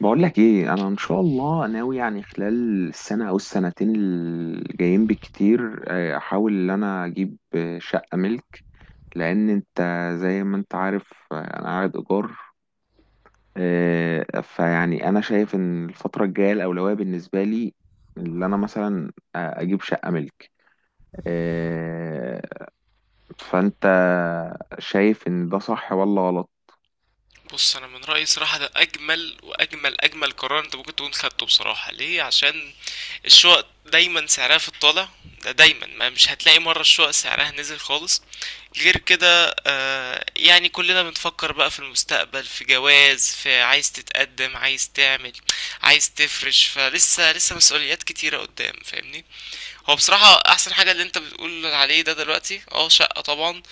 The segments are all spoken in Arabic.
بقول لك ايه، انا ان شاء الله ناوي يعني خلال السنه او السنتين الجايين بالكتير، احاول ان انا اجيب شقه ملك. لان انت، زي ما انت عارف، انا قاعد ايجار. فيعني انا شايف ان الفتره الجايه الاولويه بالنسبه لي، اللي انا مثلا اجيب شقه ملك. آه، فانت شايف ان ده صح ولا غلط؟ بص، انا من رايي صراحه ده اجمل واجمل اجمل قرار انت ممكن تكون خدته. بصراحه ليه؟ عشان الشقق دايما سعرها في الطالع، ده دايما ما مش هتلاقي مره الشقق سعرها نزل خالص. غير كده يعني كلنا بنفكر بقى في المستقبل، في جواز، في عايز تتقدم، عايز تعمل، عايز تفرش، فلسه لسه مسؤوليات كتيره قدام، فاهمني؟ هو بصراحة احسن حاجة اللي انت بتقول عليه ده دلوقتي شقة طبعا.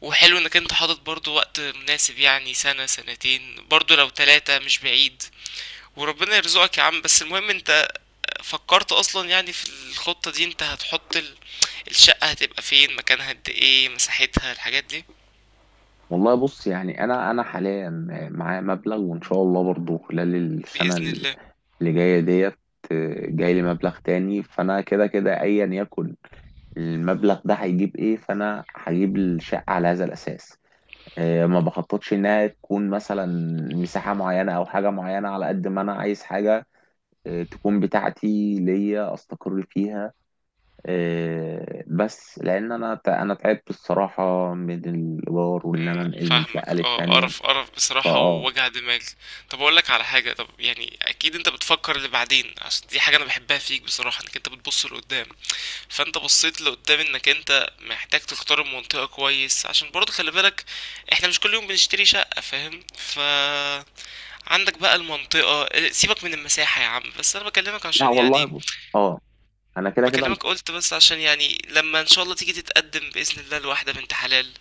وحلو انك انت حاطط برضو وقت مناسب، يعني سنة سنتين، برضو لو تلاتة مش بعيد. وربنا يرزقك يا عم. بس المهم انت فكرت اصلا يعني في الخطة دي؟ انت هتحط الشقة هتبقى فين؟ مكانها؟ قد ايه مساحتها؟ الحاجات دي. والله بص، يعني انا حاليا معايا مبلغ، وان شاء الله برضه خلال السنه بإذن الله. اللي جاية ديت جاي لي مبلغ تاني. فانا كده كده ايا يكن المبلغ ده هيجيب ايه، فانا هجيب الشقة على هذا الاساس. ما بخططش انها تكون مثلا مساحة معينة او حاجة معينة، على قد ما انا عايز حاجة تكون بتاعتي ليا استقر فيها. بس لان انا تعبت الصراحة من الايجار، وان مم، انا لأ، انقل من فاهمك. شقة اه، للتانية. قرف قرف بصراحة فاه ووجع دماغ. طب اقول لك على حاجة، طب يعني اكيد انت بتفكر لبعدين، عشان دي حاجة انا بحبها فيك بصراحة، انك انت بتبص لقدام. فانت بصيت لقدام انك انت محتاج تختار المنطقة كويس، عشان برضه خلي بالك احنا مش كل يوم بنشتري شقة، فاهم؟ ف عندك بقى المنطقة، اه، سيبك من المساحة يا عم، بس انا بكلمك لا عشان والله يعني بص، اه، انا كده كده. بكلمك قلت بس عشان يعني لما ان شاء الله تيجي تتقدم باذن الله لواحدة بنت حلال،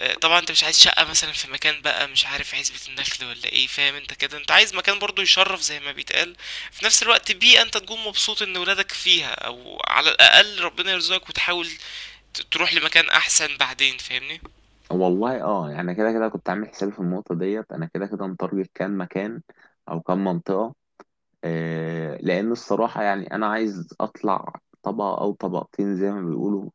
اه، طبعا انت مش عايز شقة مثلا في مكان بقى مش عارف عزبة النخل ولا ايه، فاهم؟ انت كده انت عايز مكان برضه يشرف زي ما بيتقال، في نفس الوقت بيئة انت تكون مبسوط ان ولادك فيها، او على الاقل ربنا يرزقك وتحاول تروح لمكان احسن بعدين، فاهمني؟ والله اه، يعني كده كده كنت عامل حسابي في النقطة ديت، انا كده كده متارجت كان مكان او كان منطقة. لان الصراحة يعني انا عايز اطلع طبقة او طبقتين زي ما بيقولوا.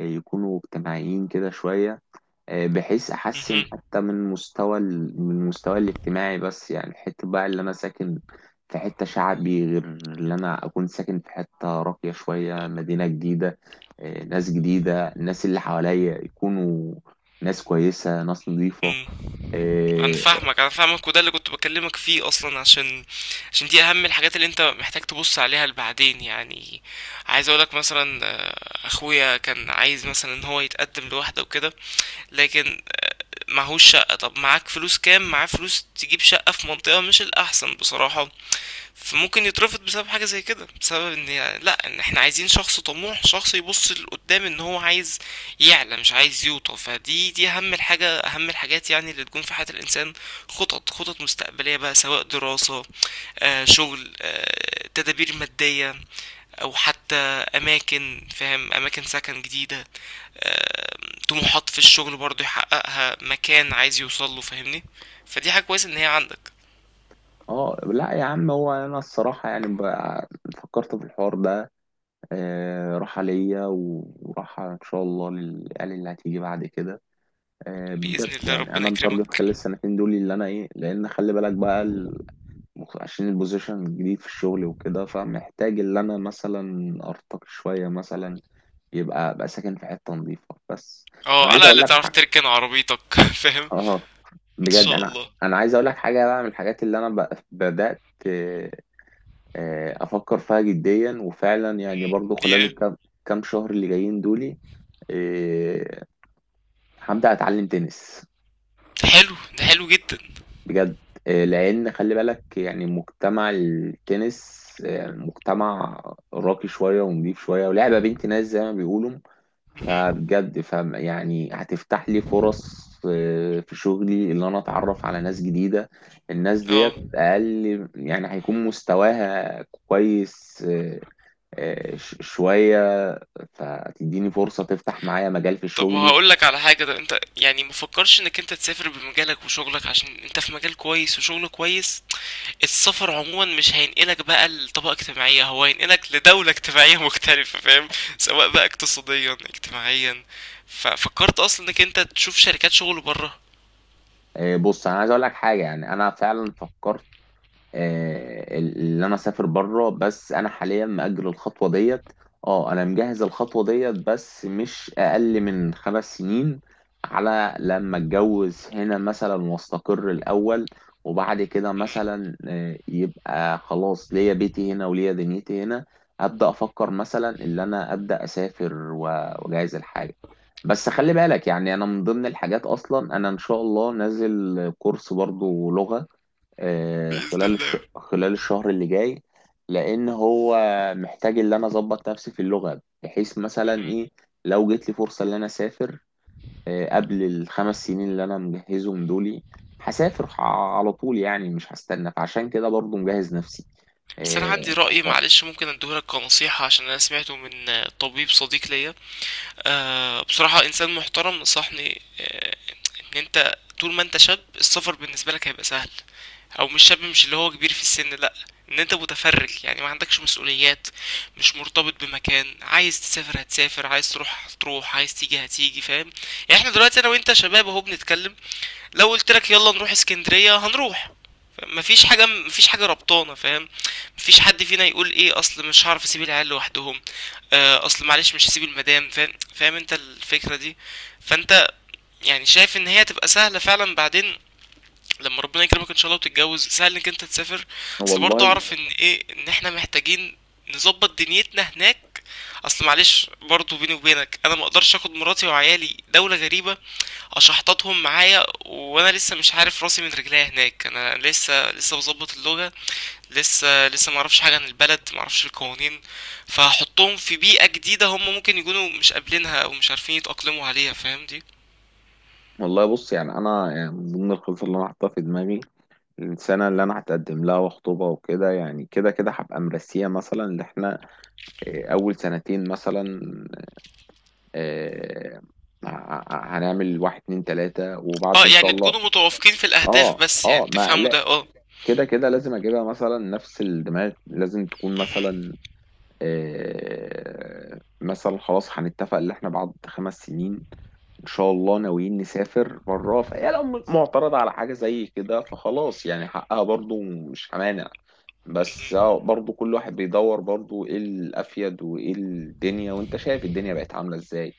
يكونوا اجتماعيين كده شوية. بحيث احسن مهم. حتى من مستوى من المستوى الاجتماعي، بس يعني حته بقى اللي انا ساكن في حته شعبي، غير اللي انا اكون ساكن في حته راقيه شويه، مدينه جديده. ناس جديده، الناس اللي حواليا يكونوا ناس كويسه، ناس نظيفه. مم. انا اه. فاهمك انا فاهمك، وده اللي كنت بكلمك فيه اصلا، عشان دي اهم الحاجات اللي انت محتاج تبص عليها لبعدين يعني. عايز اقولك مثلا، اخويا كان عايز مثلا ان هو يتقدم لوحده وكده، لكن معهوش شقة. طب معاك فلوس كام؟ معاه فلوس تجيب شقة في منطقة مش الاحسن بصراحة، فممكن يترفض بسبب حاجة زي كده، بسبب ان لا، ان احنا عايزين شخص طموح، شخص يبص لقدام، ان هو عايز يعلى مش عايز يوطى. فدي اهم الحاجة، اهم الحاجات يعني اللي تكون في حياة الانسان. خطط، خطط مستقبلية بقى، سواء دراسة، شغل، تدابير مادية، او حتى اماكن، فاهم؟ اماكن سكن جديدة، طموحات في الشغل برضه يحققها، مكان عايز يوصله، فاهمني؟ فدي حاجة كويسة ان هي عندك. لا يا عم، هو انا الصراحه يعني بقى فكرت في الحوار ده. راحه ليا وراحه ان شاء الله للعيال اللي هتيجي بعد كده. بإذن بجد الله يعني ربنا انا متارجت خلال يكرمك. السنتين دول اللي انا ايه، لان خلي بالك بقى عشان البوزيشن الجديد في الشغل وكده، فمحتاج اللي انا مثلا ارتقي شويه، مثلا يبقى ابقى ساكن في حته نظيفه بس. اه، انا على عايز اقول الأقل لك تعرف حاجه. تركن عربيتك فاهم. اه، ان بجد، شاء انا الله. انا عايز اقول لك حاجه، بقى من الحاجات اللي انا بدات آه، افكر فيها جديا، وفعلا يعني مم. برضو خلال ياه. كام شهر اللي جايين دولي. آه، هبدا اتعلم تنس ده حلو، ده حلو جدا. بجد. لان خلي بالك يعني مجتمع التنس، مجتمع راقي شويه ونضيف شويه، ولعبه بنت ناس زي ما بيقولوا. مهم. فبجد، يعني هتفتح لي فرص في شغلي، اللي انا اتعرف على ناس جديده. الناس ديت اه. اقل يعني هيكون مستواها كويس. شويه فتديني فرصه، تفتح معايا مجال في طب شغلي. هقول لك على حاجة، ده انت يعني مفكرش انك انت تسافر بمجالك وشغلك؟ عشان انت في مجال كويس وشغل كويس. السفر عموما مش هينقلك بقى لطبقة اجتماعية، هو هينقلك لدولة اجتماعية مختلفة، فاهم؟ سواء بقى اقتصاديا اجتماعيا. ففكرت اصلا انك انت تشوف شركات شغل بره؟ بص انا عايز اقول لك حاجه، يعني انا فعلا فكرت اللي انا اسافر بره، بس انا حاليا مأجل الخطوه ديت. اه، انا مجهز الخطوه ديت بس مش اقل من 5 سنين، على لما اتجوز هنا مثلا واستقر الاول، وبعد كده مم. مثلا يبقى خلاص ليا بيتي هنا وليا دنيتي هنا. ابدا افكر مثلا ان انا ابدا اسافر واجهز الحاجه. بس خلي بالك يعني انا من ضمن الحاجات، اصلا انا ان شاء الله نازل كورس برضو لغه بإذن خلال الله. خلال الشهر اللي جاي. لان هو محتاج ان انا اظبط نفسي في اللغه، بحيث مثلا ايه لو جت لي فرصه ان انا اسافر قبل الخمس سنين اللي انا مجهزهم دولي، هسافر على طول يعني مش هستنى. فعشان كده برضو مجهز نفسي. بس انا آه، عندي رأي، معلش ممكن اديهولك كنصيحة، عشان انا سمعته من طبيب صديق ليا، بصراحة انسان محترم نصحني. ان انت طول ما انت شاب السفر بالنسبة لك هيبقى سهل، او مش شاب، مش اللي هو كبير في السن لا، ان انت متفرج يعني ما عندكش مسؤوليات، مش مرتبط بمكان، عايز تسافر هتسافر، عايز تروح هتروح، عايز تيجي هتيجي، فاهم؟ يعني احنا دلوقتي انا وانت شباب اهو بنتكلم، لو قلت لك يلا نروح اسكندرية هنروح. مفيش حاجة، مفيش حاجة ربطانة، فاهم؟ مفيش حد فينا يقول ايه اصل مش هعرف اسيب العيال لوحدهم، اصل معلش مش هسيب المدام، فاهم؟ فاهم انت الفكرة دي؟ فانت يعني شايف ان هي تبقى سهلة فعلا بعدين لما ربنا يكرمك ان شاء الله وتتجوز، سهل انك انت تسافر. اصل برضه والله اعرف ان ايه، ان احنا محتاجين نظبط دنيتنا هناك. اصل معلش برضه بيني وبينك انا ما اقدرش اخد مراتي وعيالي دولة غريبة اشحططهم معايا وانا لسه مش عارف راسي من رجليا هناك، انا لسه لسه بظبط اللغة، لسه لسه معرفش حاجة عن البلد، معرفش القوانين، فهحطهم في بيئة جديدة هم ممكن يكونوا مش قابلينها او مش عارفين يتأقلموا عليها، فاهم دي؟ والله بص، يعني انا يعني من ضمن الخطط اللي انا حاطها في دماغي، السنه اللي انا هتقدم لها وخطوبه وكده، يعني كده كده هبقى مرسيه مثلا ان احنا إيه، اول سنتين مثلا آه، هنعمل واحد اتنين تلاتة، وبعد اه، ان شاء يعني الله تكونوا متوافقين في الاهداف، اه، بس يعني اه، ما تفهموا لا، ده، اه. كده كده لازم اجيبها مثلا نفس الدماغ، لازم تكون مهم. مثلا مثلا خلاص هنتفق ان احنا بعد 5 سنين ان شاء الله ناويين نسافر بره، فهي لو معترضة على حاجة زي كده، فخلاص يعني حقها برضو، مش همانع. بس مهم. اه، برضو كل واحد بيدور برضو ايه الافيد وايه الدنيا، وانت شايف الدنيا بقت عاملة ازاي.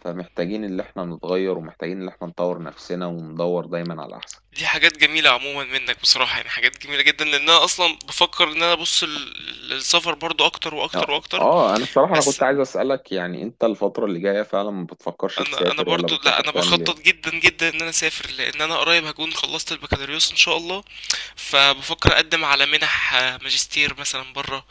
فمحتاجين اللي احنا نتغير، ومحتاجين اللي احنا نطور نفسنا وندور دايما على احسن. دي حاجات جميلة عموما منك بصراحة، يعني حاجات جميلة جدا، لان انا اصلا بفكر ان انا ابص للسفر برضو، اكتر اه، واكتر واكتر. اه، انا الصراحة انا بس كنت عايز اسألك، يعني انت الفترة اللي جاية فعلا ما بتفكرش انا تسافر ولا برضو، لا، بتفكر انا تعمل ايه؟ بخطط جدا جدا ان انا اسافر، لان انا قريب هكون خلصت البكالوريوس ان شاء الله. فبفكر اقدم على منح، ماجستير مثلا بره.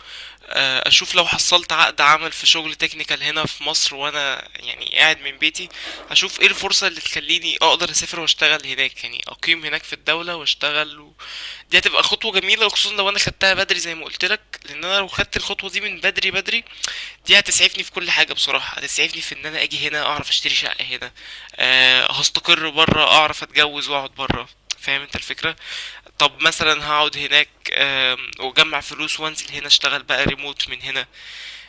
اشوف لو حصلت عقد عمل في شغل تكنيكال هنا في مصر وانا يعني قاعد من بيتي. اشوف ايه الفرصة اللي تخليني اقدر اسافر واشتغل هناك، يعني اقيم هناك في الدولة واشتغل و... دي هتبقى خطوة جميلة، وخصوصا لو انا خدتها بدري زي ما قلت لك، لان انا لو خدت الخطوة دي من بدري بدري، دي هتسعفني في كل حاجة بصراحة، هتسعفني في ان انا اجي هنا اعرف اشتري شقة هنا، أه هستقر برا، اعرف اتجوز واقعد برا، فاهم انت الفكرة؟ طب مثلا هقعد هناك، واجمع فلوس، وانزل هنا اشتغل بقى ريموت من هنا.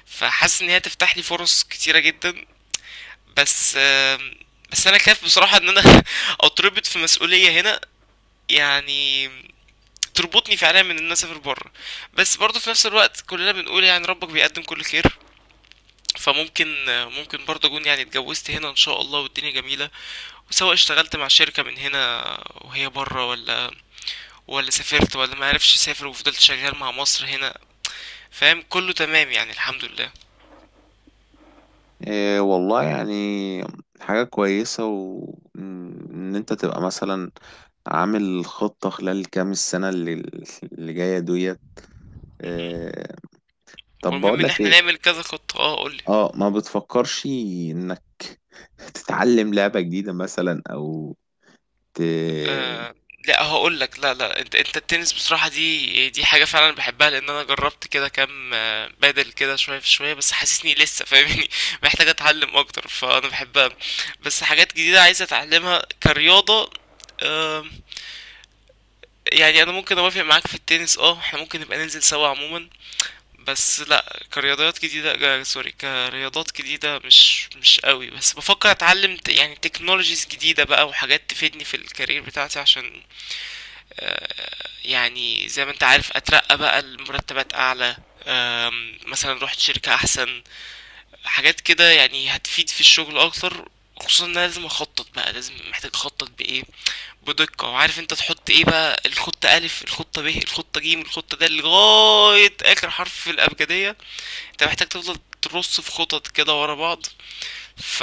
فحاسس ان هي تفتح لي فرص كتيرة جدا. بس آم، بس انا خايف بصراحة ان انا اتربط في مسؤولية هنا، يعني تربطني فعليا من ان انا اسافر بره. بس برضه في نفس الوقت كلنا بنقول يعني ربك بيقدم كل خير. فممكن ممكن برضه اكون يعني اتجوزت هنا ان شاء الله والدنيا جميله، وسواء اشتغلت مع شركه من هنا وهي بره، ولا سافرت ولا ما عرفش اسافر وفضلت شغال مع مصر هنا، فاهم؟ كله تمام يعني الحمد لله. إيه والله، يعني حاجة كويسة، وإن أنت تبقى مثلا عامل خطة خلال كام السنة اللي جاية ديت. مهم. إيه. طب والمهم ان بقولك احنا إيه. نعمل كذا خطه، اه قول. ما بتفكرش إنك تتعلم لعبة جديدة مثلا، أو ت... آه، لا هقول لك، لا لا، انت التنس بصراحة، دي حاجة فعلا بحبها، لان انا جربت كده كام، بادل كده شوية في شوية، بس حاسسني لسه، فاهمني؟ محتاج اتعلم اكتر، فانا بحبها. بس حاجات جديدة عايز اتعلمها كرياضة، آه يعني، انا ممكن اوافق معاك في التنس، اه احنا ممكن نبقى ننزل سوا عموما. بس لا، كرياضات جديدة، سوري، كرياضات جديدة مش قوي، بس بفكر اتعلم يعني تكنولوجيز جديدة بقى، وحاجات تفيدني في الكارير بتاعتي، عشان يعني زي ما انت عارف اترقى بقى لمرتبات اعلى، مثلا رحت شركة احسن، حاجات كده يعني هتفيد في الشغل اكتر. خصوصا ان انا لازم اخطط بقى، لازم محتاج اخطط بايه، بدقة، وعارف انت تحط ايه بقى، الخطة الف، الخطة ب، الخطة ج، الخطة د، لغاية اخر حرف في الابجدية. انت محتاج تفضل ترص في خطط كده ورا بعض. ف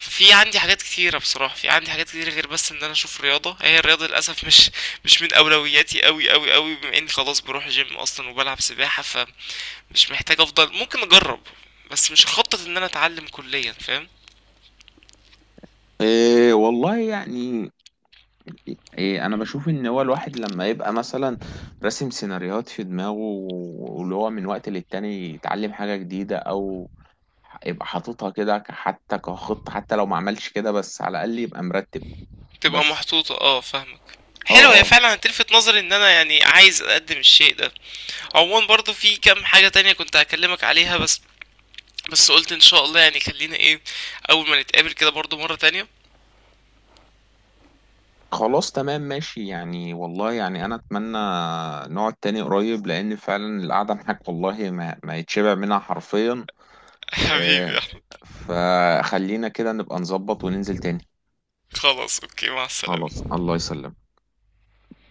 عندي حاجات كتيرة بصراحة، في عندي حاجات كتيرة غير بس ان انا اشوف رياضة. هي الرياضة للأسف مش مش من اولوياتي اوي اوي اوي، بما اني خلاص بروح جيم اصلا وبلعب سباحة، فمش محتاج. افضل ممكن اجرب، بس مش خطط ان انا اتعلم كليا، فاهم؟ إيه والله يعني إيه، انا بشوف ان هو الواحد لما يبقى مثلا راسم سيناريوهات في دماغه، واللي هو من وقت للتاني يتعلم حاجة جديدة، او يبقى حاططها كده حتى كخطة، حتى لو ما عملش كده بس على الاقل يبقى مرتب تبقى بس. محطوطة، اه فاهمك. اه، حلو، هي اه، فعلا هتلفت نظري ان انا يعني عايز اقدم الشيء ده. عموما برضو في كام حاجة تانية كنت هكلمك عليها، بس قلت ان شاء الله يعني خلينا ايه، اول ما نتقابل كده برضو مرة تانية. خلاص تمام ماشي، يعني والله يعني انا اتمنى نقعد تاني قريب، لان فعلا القعدة معاك والله ما يتشبع منها حرفيا. حبيبي. إيه. فخلينا كده نبقى نظبط وننزل تاني. خلاص اوكي، مع خلاص السلامة. الله يسلمك.